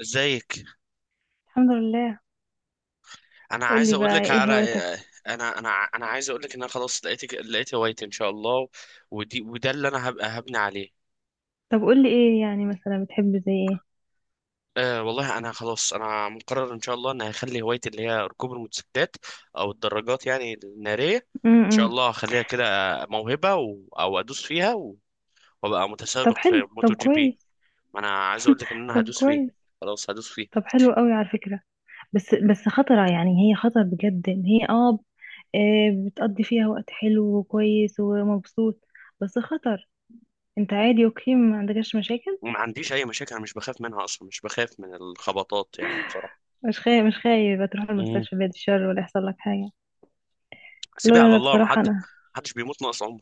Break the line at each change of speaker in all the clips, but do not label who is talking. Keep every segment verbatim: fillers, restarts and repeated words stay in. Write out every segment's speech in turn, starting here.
ازيك؟
الحمد لله.
انا عايز
قولي
اقول
بقى
لك
ايه
على
هواياتك؟
انا انا انا عايز اقول لك ان انا خلاص لقيت لقيت هوايتي ان شاء الله. ودي وده اللي انا هبقى هبني عليه.
طب قولي ايه يعني، مثلا بتحب زي ايه؟
أه والله انا خلاص، انا مقرر ان شاء الله ان هخلي هوايتي اللي هي ركوب الموتوسيكلات او الدراجات يعني الناريه،
امم
ان شاء
إمم.
الله هخليها كده موهبه و... او ادوس فيها و... وابقى
طب
متسابق
حلو،
في موتو
طب
جي بي.
كويس.
ما انا عايز اقول لك ان انا
طب
هدوس فيه.
كويس.
خلاص هدوس فيه.
طب حلو قوي على فكرة. بس بس خطرة يعني، هي خطر بجد، ان هي اه آه، بتقضي فيها وقت حلو وكويس ومبسوط، بس خطر. انت عادي اوكي، ما عندكش مشاكل؟
وما عنديش اي مشاكل، انا مش بخاف منها اصلا، مش بخاف من الخبطات يعني بصراحه.
مش خايف مش خايف تروح المستشفى بعد الشر ولا يحصل لك حاجة؟ لا
سيبيها
لا
على
لا،
الله، ما
بصراحة
حد
انا…
ما حدش بيموت ناقص عمر.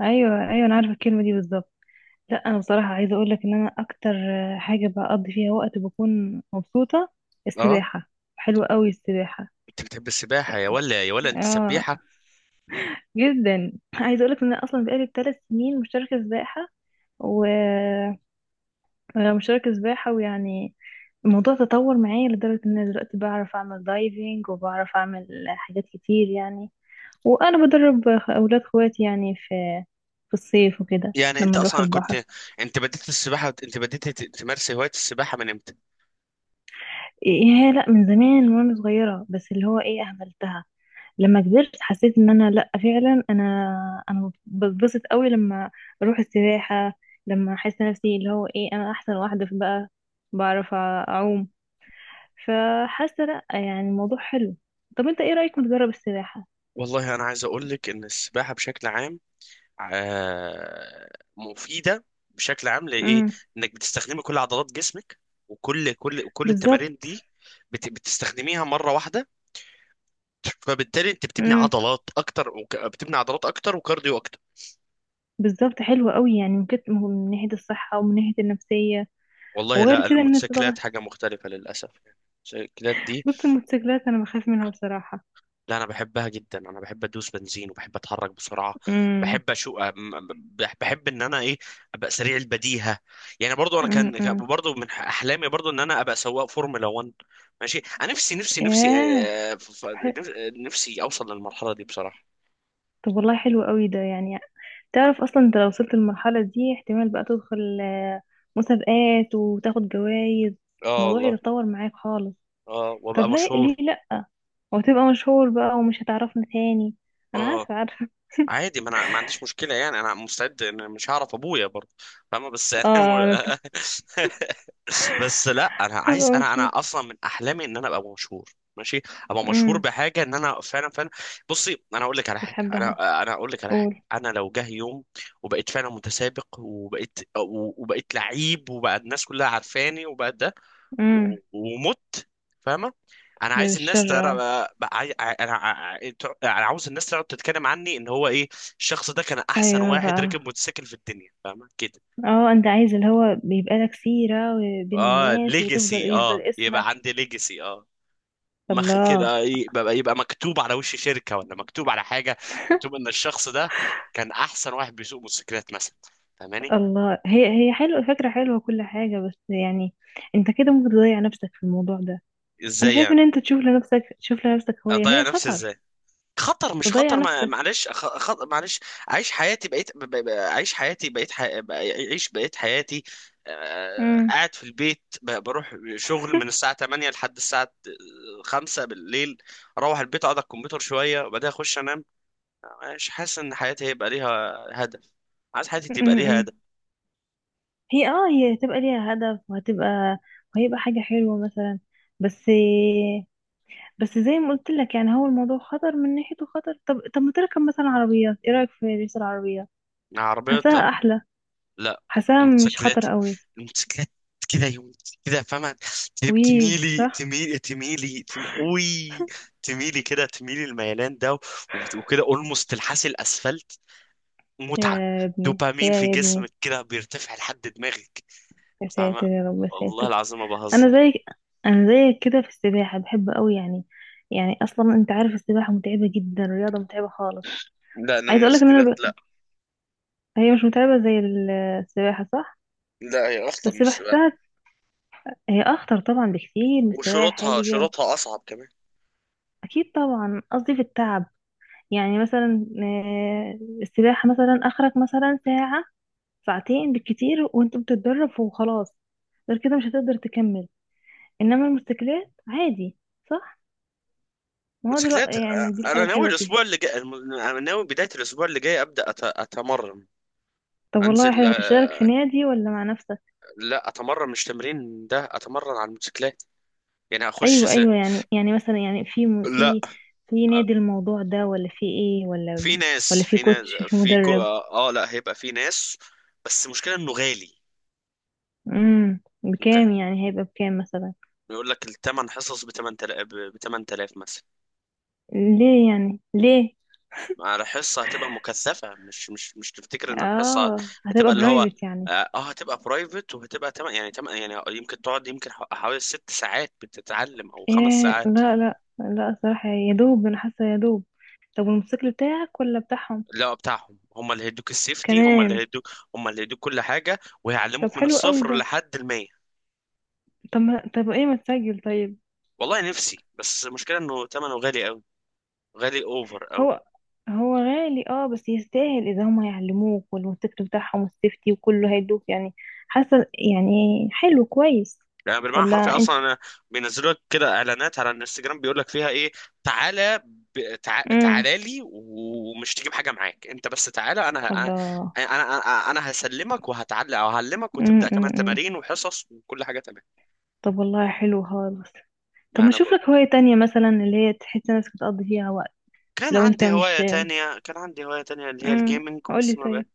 ايوه ايوه، انا عارفة الكلمة دي بالظبط. لا، انا بصراحه عايزه اقول لك ان انا اكتر حاجه بقضي فيها وقت بكون مبسوطه،
اه.
السباحه. حلوه قوي السباحه.
انت بتحب السباحه يا ولا يا ولا انت
اه،
سبيحه؟
جدا. عايزه اقول لك ان انا اصلا بقالي ثلاث سنين مشتركه سباحه، و آه، مشتركه سباحه ويعني الموضوع تطور معايا لدرجه ان انا دلوقتي بعرف اعمل دايفنج وبعرف اعمل حاجات كتير يعني، وانا بدرب اولاد اخواتي يعني في في الصيف وكده
يعني انت
لما نروح
اصلا
البحر.
كنت انت بديت السباحه، انت بديت ت- تمارس هوايه السباحه من امتى؟
ايه، لا، من زمان وانا صغيره، بس اللي هو ايه، اهملتها. لما كبرت حسيت ان انا، لا فعلا، انا انا بتبسط قوي لما اروح السباحه. لما احس نفسي اللي هو ايه، انا احسن واحده في بقى، بعرف اعوم، فحاسه لا يعني الموضوع حلو. طب انت ايه رايك نجرب السباحه؟
والله انا عايز اقول لك ان السباحه بشكل عام، آه مفيده بشكل عام لايه؟
امم،
انك بتستخدمي كل عضلات جسمك، وكل كل كل
بالظبط.
التمارين دي بت- بتستخدميها مره واحده، فبالتالي انت بتبني
امم،
عضلات اكتر وك... بتبني عضلات اكتر وكارديو اكتر.
بالظبط، حلو قوي يعني، من كت- من ناحيه الصحه ومن ناحيه النفسيه.
والله
وغير
لا،
كده ان انت طبعا…
الموتوسيكلات حاجة مختلفة للأسف يعني. الموتوسيكلات دي،
بص الموتوسيكلات انا بخاف منها بصراحه.
لا أنا بحبها جدا، أنا بحب أدوس بنزين وبحب أتحرك بسرعة.
امم،
بحب أشو أم- بح- بحب إن أنا إيه، أبقى سريع البديهة. يعني برضو أنا
امم.
كان كان
امم.
برضو من أحلامي برضو إن أنا أبقى سواق فورمولا واحد. ماشي، أنا نفسي نفسي نفسي.
ياه.
آه، ف- ف-
طب، حلو.
نف- نفسي أوصل للمرحلة دي بصراحة.
طب والله حلو قوي ده يعني. تعرف اصلا انت لو وصلت للمرحلة دي احتمال بقى تدخل آه، مسابقات وتاخد جوائز.
آه
الموضوع
والله.
يتطور معاك خالص.
آه
طب
وأبقى
ليه، ليه
مشهور.
لا؟ وتبقى مشهور بقى ومش هتعرفنا تاني. انا
آه.
عارفة، عارفة.
عادي، ما انا ما عنديش مشكله يعني، انا مستعد، انا مش هعرف ابويا برضه. فاهمه؟ بس يعني
اه انا بت-
الم- بس لا، انا
هبقى
عايز، انا
مشهور.
انا اصلا من احلامي ان انا ابقى مشهور. ماشي. ابقى مشهور
امم.
بحاجه ان انا فعلا فعلا. بصي، انا اقول لك على حاجه
بتحبها؟
انا انا اقول لك على حاجه،
قول.
انا لو جه يوم وبقيت فعلا متسابق، وبقيت وبقيت لعيب، وبقى الناس كلها عارفاني، وبقى ده و-
امم.
ومت فاهمه؟ انا عايز الناس
بالشر
ترى.
اه.
بقى- عاي- انا ع- انا عاوز الناس تقعد تتكلم عني ان هو ايه، الشخص ده كان احسن
ايوه
واحد
بقى.
ركب موتوسيكل في الدنيا، فاهمه كده؟
اه، انت عايز اللي هو بيبقى لك سيرة بين
اه،
الناس وتفضل،
ليجاسي،
يفضل
اه،
اسمك.
يبقى عندي ليجاسي، اه، مخ
الله.
كده، يبقى يبقى مكتوب على وش شركه، ولا مكتوب على حاجه، مكتوب ان الشخص ده كان احسن واحد بيسوق موتوسيكلات مثلا. فاهماني؟
الله، هي هي حلوة، فكرة حلوة كل حاجة، بس يعني انت كده ممكن تضيع نفسك في الموضوع ده. انا
ازاي
شايف
يعني؟
ان انت تشوف لنفسك، تشوف لنفسك هواية
اضيع
هي
نفسي
خطر.
ازاي؟ خطر مش
تضيع
خطر، ما
نفسك.
معلش، خ... خ... معلش، عيش حياتي، بقيت ب... ب... ب- عيش حياتي بقيت ح... ب- عيش بقيت حياتي. آه...
امم،
قاعد في البيت، ب... بروح شغل من الساعة ثمانية لحد الساعة خمسة بالليل، اروح البيت اقعد على الكمبيوتر شوية وبعدين اخش انام. مش حاسس ان حياتي هيبقى ليها هدف. عايز حياتي تبقى ليها
امم.
هدف.
هي اه هي هتبقى ليها هدف وهتبقى، وهيبقى حاجة حلوة مثلا. بس، بس زي ما قلت لك يعني، هو الموضوع خطر، من ناحيته خطر. طب، طب ما تركب مثلا عربيات، ايه رأيك في ريس العربيات؟
عربية؟
حاساها احلى.
لا.
حاساها مش
موتوسيكلات،
خطر قوي.
الموتوسيكلات كده يوم كده، فاهمة؟ تب-
ويه،
تميلي
صح.
تميلي تميلي تم... اوي، تميلي كده، تميلي الميلان ده، و- وكده اولموست تلحسي الاسفلت. متعة.
يا ابني،
دوبامين
يا
في
يا ابني.
جسمك كده بيرتفع لحد دماغك،
يا ساتر
فاهمة؟
يا رب، يا
والله
ساتر.
العظيم ما
انا
بهزر.
زي… انا زيك كده في السباحه، بحب قوي يعني. يعني اصلا انت عارف السباحه متعبه جدا، رياضه متعبه خالص.
لا، انا
عايزه اقول لك ان انا
الموتوسيكلات.
ب…
لا،
هي مش متعبه زي ال- السباحه، صح؟
لا هي اخطر من
بس
السباحة.
بحسها… هي اخطر طبعا بكتير من السباحه
وشروطها
اللي جاب.
شروطها اصعب كمان.
اكيد طبعا، قصدي في التعب. يعني مثلا آه، السباحه مثلا اخرك مثلا ساعه، ساعتين بالكتير وانت بتتدرب وخلاص، غير كده مش هتقدر تكمل. انما الموتوسيكلات عادي. صح. ما هو دلوقتي
موتوسيكلات. آه،
يعني دي الحاجة
انا ناوي
الحلوة فيها.
الاسبوع اللي جاي، الم- انا ناوي بداية الاسبوع اللي جاي ابدا أت- اتمرن.
طب والله
انزل.
حلو،
آه،
هتشترك في نادي ولا مع نفسك؟
لا اتمرن، مش تمرين ده، اتمرن على الموتوسيكلات يعني، اخش
ايوه
س...
ايوه، يعني يعني مثلا يعني في م-
لا.
في في
آه،
نادي الموضوع ده ولا في ايه، ولا
في ناس
ولا في
في ناس
كوتش، في
في كو...
مدرب؟
اه آه، لا هيبقى في ناس. بس المشكله انه غالي.
امم.
ممكن
بكام يعني، هيبقى بكام مثلا؟
يقول لك الثمن حصص ب ثمانية آلاف، ب ثمانية آلاف مثلا،
ليه يعني، ليه؟
على حصه. هتبقى مكثفه، مش مش مش تفتكر ان الحصه
اه،
هتبقى
هتبقى
اللي هو،
برايفت يعني.
اه آه، هتبقى برايفت، وهتبقى تم... يعني تم... يعني يمكن تقعد يمكن ح- حوالي ست ساعات بتتعلم، او خمس
ايه.
ساعات.
لا لا لا، الصراحة يا دوب، انا حاسة يا دوب. طب والموتوسيكل بتاعك ولا بتاعهم؟
لا بتاعهم، هم اللي هيدوك السيفتي، هم اللي
كمان.
هيدوك هم اللي هيدوك كل حاجة،
طب
وهيعلموك من
حلو قوي
الصفر
ده.
لحد المية.
طب ما طب ايه، ما تسجل طيب.
والله نفسي، بس المشكلة انه ثمنه غالي قوي، غالي اوفر قوي.
هو… هو غالي اه، بس يستاهل اذا هم هيعلموك والموتوسيكل بتاعهم والسيفتي وكله هيدوك يعني. حاسه يعني حلو، كويس.
يعني بالمعنى
ولا
الحرفي
انت؟
اصلا انا، بينزلوا لك كده اعلانات على الانستجرام بيقول لك فيها ايه، تعالى، ب... تع...
امم.
تعالى لي، ومش تجيب حاجة معاك، انت بس تعالى، انا ه... انا
الله.
انا انا أنا هسلمك وهتعلق، او هعلمك،
امم،
وتبدأ كمان
امم.
تمارين وحصص وكل حاجة تمام.
طب والله حلو خالص. طب
ما
ما
انا
اشوف
بقول.
لك هوايه تانية مثلا اللي هي تحس نفسك بتقضي فيها وقت.
كان
لو انت
عندي
مش…
هواية تانية كان عندي هواية تانية اللي هي
امم.
الجيمنج، بس
قولي
ما
طيب.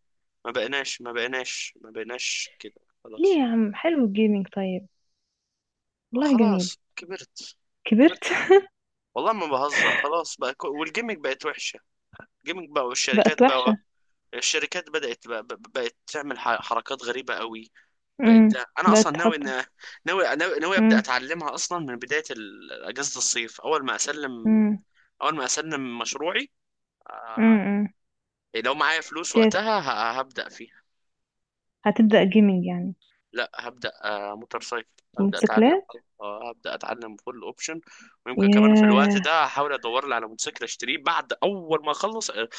ما بقيناش ما بقيناش ما بقيناش كده
ليه
خلاص.
يا عم، حلو الجيمنج طيب، والله جميل.
خلاص كبرت.
كبرت.
كبرت. والله ما بهزر، خلاص بقى، كو- والجيمنج بقت وحشة. الجيمنج بقى
بقت
والشركات بقى،
وحشه.
الشركات بدأت بقى بقت تعمل ح- حركات غريبة قوي. بقت.
امم.
انا
بقت
اصلا ناوي
تحط.
ان، ناوي ناوي, ناوي ابدأ
امم،
اتعلمها اصلا من بداية ال- اجازة الصيف، اول ما اسلم،
امم.
اول ما اسلم مشروعي آه،
امم.
لو معايا فلوس وقتها ه- هبدأ فيه.
هتبدأ جيمنج يعني؟
لا هبدأ، آه، موتور سايكل، هبدأ اتعلم.
موتوسيكلات.
آه، هبدأ اتعلم فول اوبشن، ويمكن كمان في الوقت
ياه.
ده هحاول ادور لي على موتوسيكل اشتريه، بعد اول ما اخلص آه،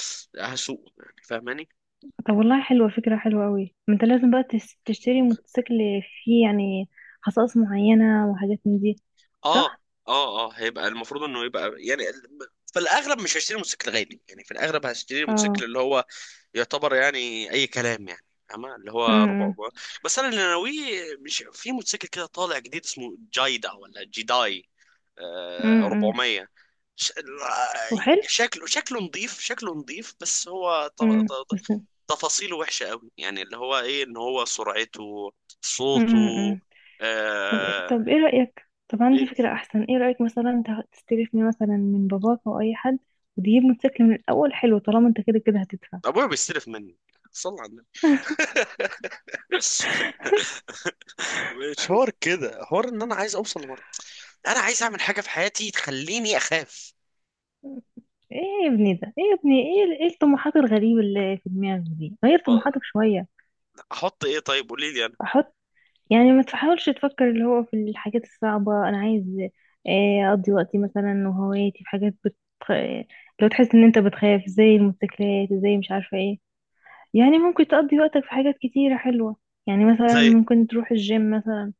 هسوق يعني، فاهماني؟
طب والله حلوة، فكرة حلوة قوي. ما انت لازم بقى تس- تشتري موتوسيكل فيه يعني خصائص معينة وحاجات من دي،
اه
صح؟
اه اه هيبقى المفروض انه يبقى يعني ال- في الاغلب مش هشتري موتوسيكل غالي يعني، في الاغلب هشتري موتوسيكل
اه.
اللي هو يعتبر يعني اي كلام يعني، فاهمة؟ اللي هو ربع.
امم.
بس انا اللي ناويه، مش في موتوسيكل كده طالع جديد، اسمه جايدا ولا جيداي، او
امم.
اربعمية. ش-
وحلو.
شكله، شكله نظيف، شكله نظيف، بس هو ط-
امم،
ط- ط-
بس.
تفاصيله وحشة قوي يعني، اللي هو ايه، ان هو سرعته،
امم
صوته،
إمم. طب،
آه.
طب ايه رأيك، طب عندي
إيه،
فكرة احسن، ايه رأيك مثلا ت- تستلفني مثلا من باباك او اي حد وتجيب موتوسيكل من الاول، حلو طالما انت كده كده هتدفع.
ابويا بيستلف مني؟ صلى على النبي. مش حوار كده، حوار ان انا عايز اوصل لمرة، انا عايز اعمل حاجة في حياتي تخليني اخاف.
ايه يا ابني ده، ايه يا ابني، ايه ايه الطموحات الغريبة اللي في دماغك دي؟ غير طموحاتك شوية.
احط ايه؟ طيب قولي لي انا.
احط. يعني ما تحاولش تفكر اللي هو في الحاجات الصعبة، أنا عايز آه، أقضي وقتي مثلا وهواياتي في حاجات بت… لو تحس إن أنت بتخاف زي الموتوسيكلات زي مش عارفة إيه، يعني ممكن تقضي وقتك في حاجات كتيرة حلوة. يعني مثلا
زي؟
ممكن تروح الجيم مثلا.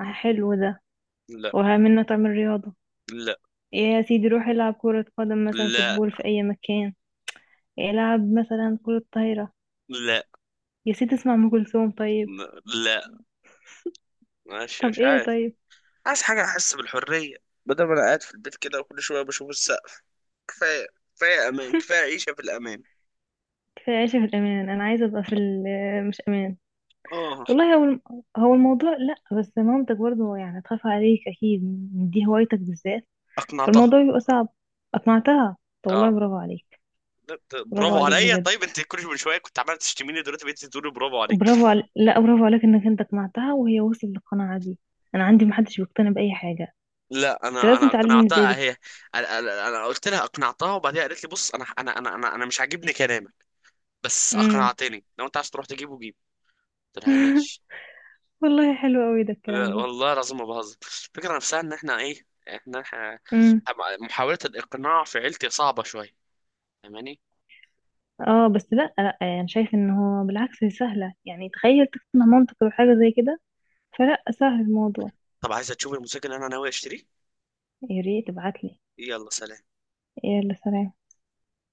آه، حلو ده،
لا،
ومنه تعمل رياضة.
لا،
إيه يا سيدي، روح العب كرة قدم مثلا،
لا،
فوتبول في أي مكان. العب مثلا كرة طايرة.
لا،
يا سيدي، اسمع أم كلثوم طيب.
لا. ماشي،
طب
مش
إيه
عارف.
طيب؟
عايز حاجة أحس بالحرية، بدل ما أنا قاعد في البيت كده وكل شوية بشوف السقف. كفاية. كفاية أمان، كفاية عيشة في الأمان.
كفاية عيشة في الأمان. أنا عايزة أبقى في ال- مش أمان.
آه.
والله هو الم-… هو الموضوع، لا، بس مامتك برضو يعني تخاف عليك اكيد، من دي هوايتك بالذات،
أقنعتها.
فالموضوع بيبقى صعب. اقنعتها؟ طب والله
آه.
برافو عليك.
لا، ت-
برافو
برافو
عليك
عليا؟
بجد.
طيب انت كل من شويه كنت عمال تشتميني، دلوقتي بقيت تقولي برافو عليك.
برافو عليك، لا برافو عليك انك انت اقنعتها وهي وصلت للقناعة دي. انا عندي محدش بيقتنع باي حاجة.
لا
انت
انا انا
لازم تعلمني ازاي
اقنعتها
بك.
هي. انا أنا- أنا قلت لها، اقنعتها. وبعدين قالت لي، بص، انا انا انا انا, أنا مش عاجبني كلامك، بس
امم.
اقنعتني، لو انت عايز تروح تجيبه جيب. قلت لها ماشي.
والله حلو قوي ده الكلام
لا،
ده.
والله العظيم ما بهزر، الفكره نفسها ان احنا ايه، احنا إحنا-
امم.
محاوله الاقناع في عيلتي صعبه شويه، فاهماني؟
اه بس، لا لا، يعني شايف ان هو بالعكس هي سهلة؟ يعني تخيل تقنع مامتك بحاجة زي كده، فلا سهل الموضوع.
طب عايزه تشوفي الموتوسيكل اللي انا ناوي اشتريه؟
يا ريت تبعتلي.
يلا سلام.
يلا سلام.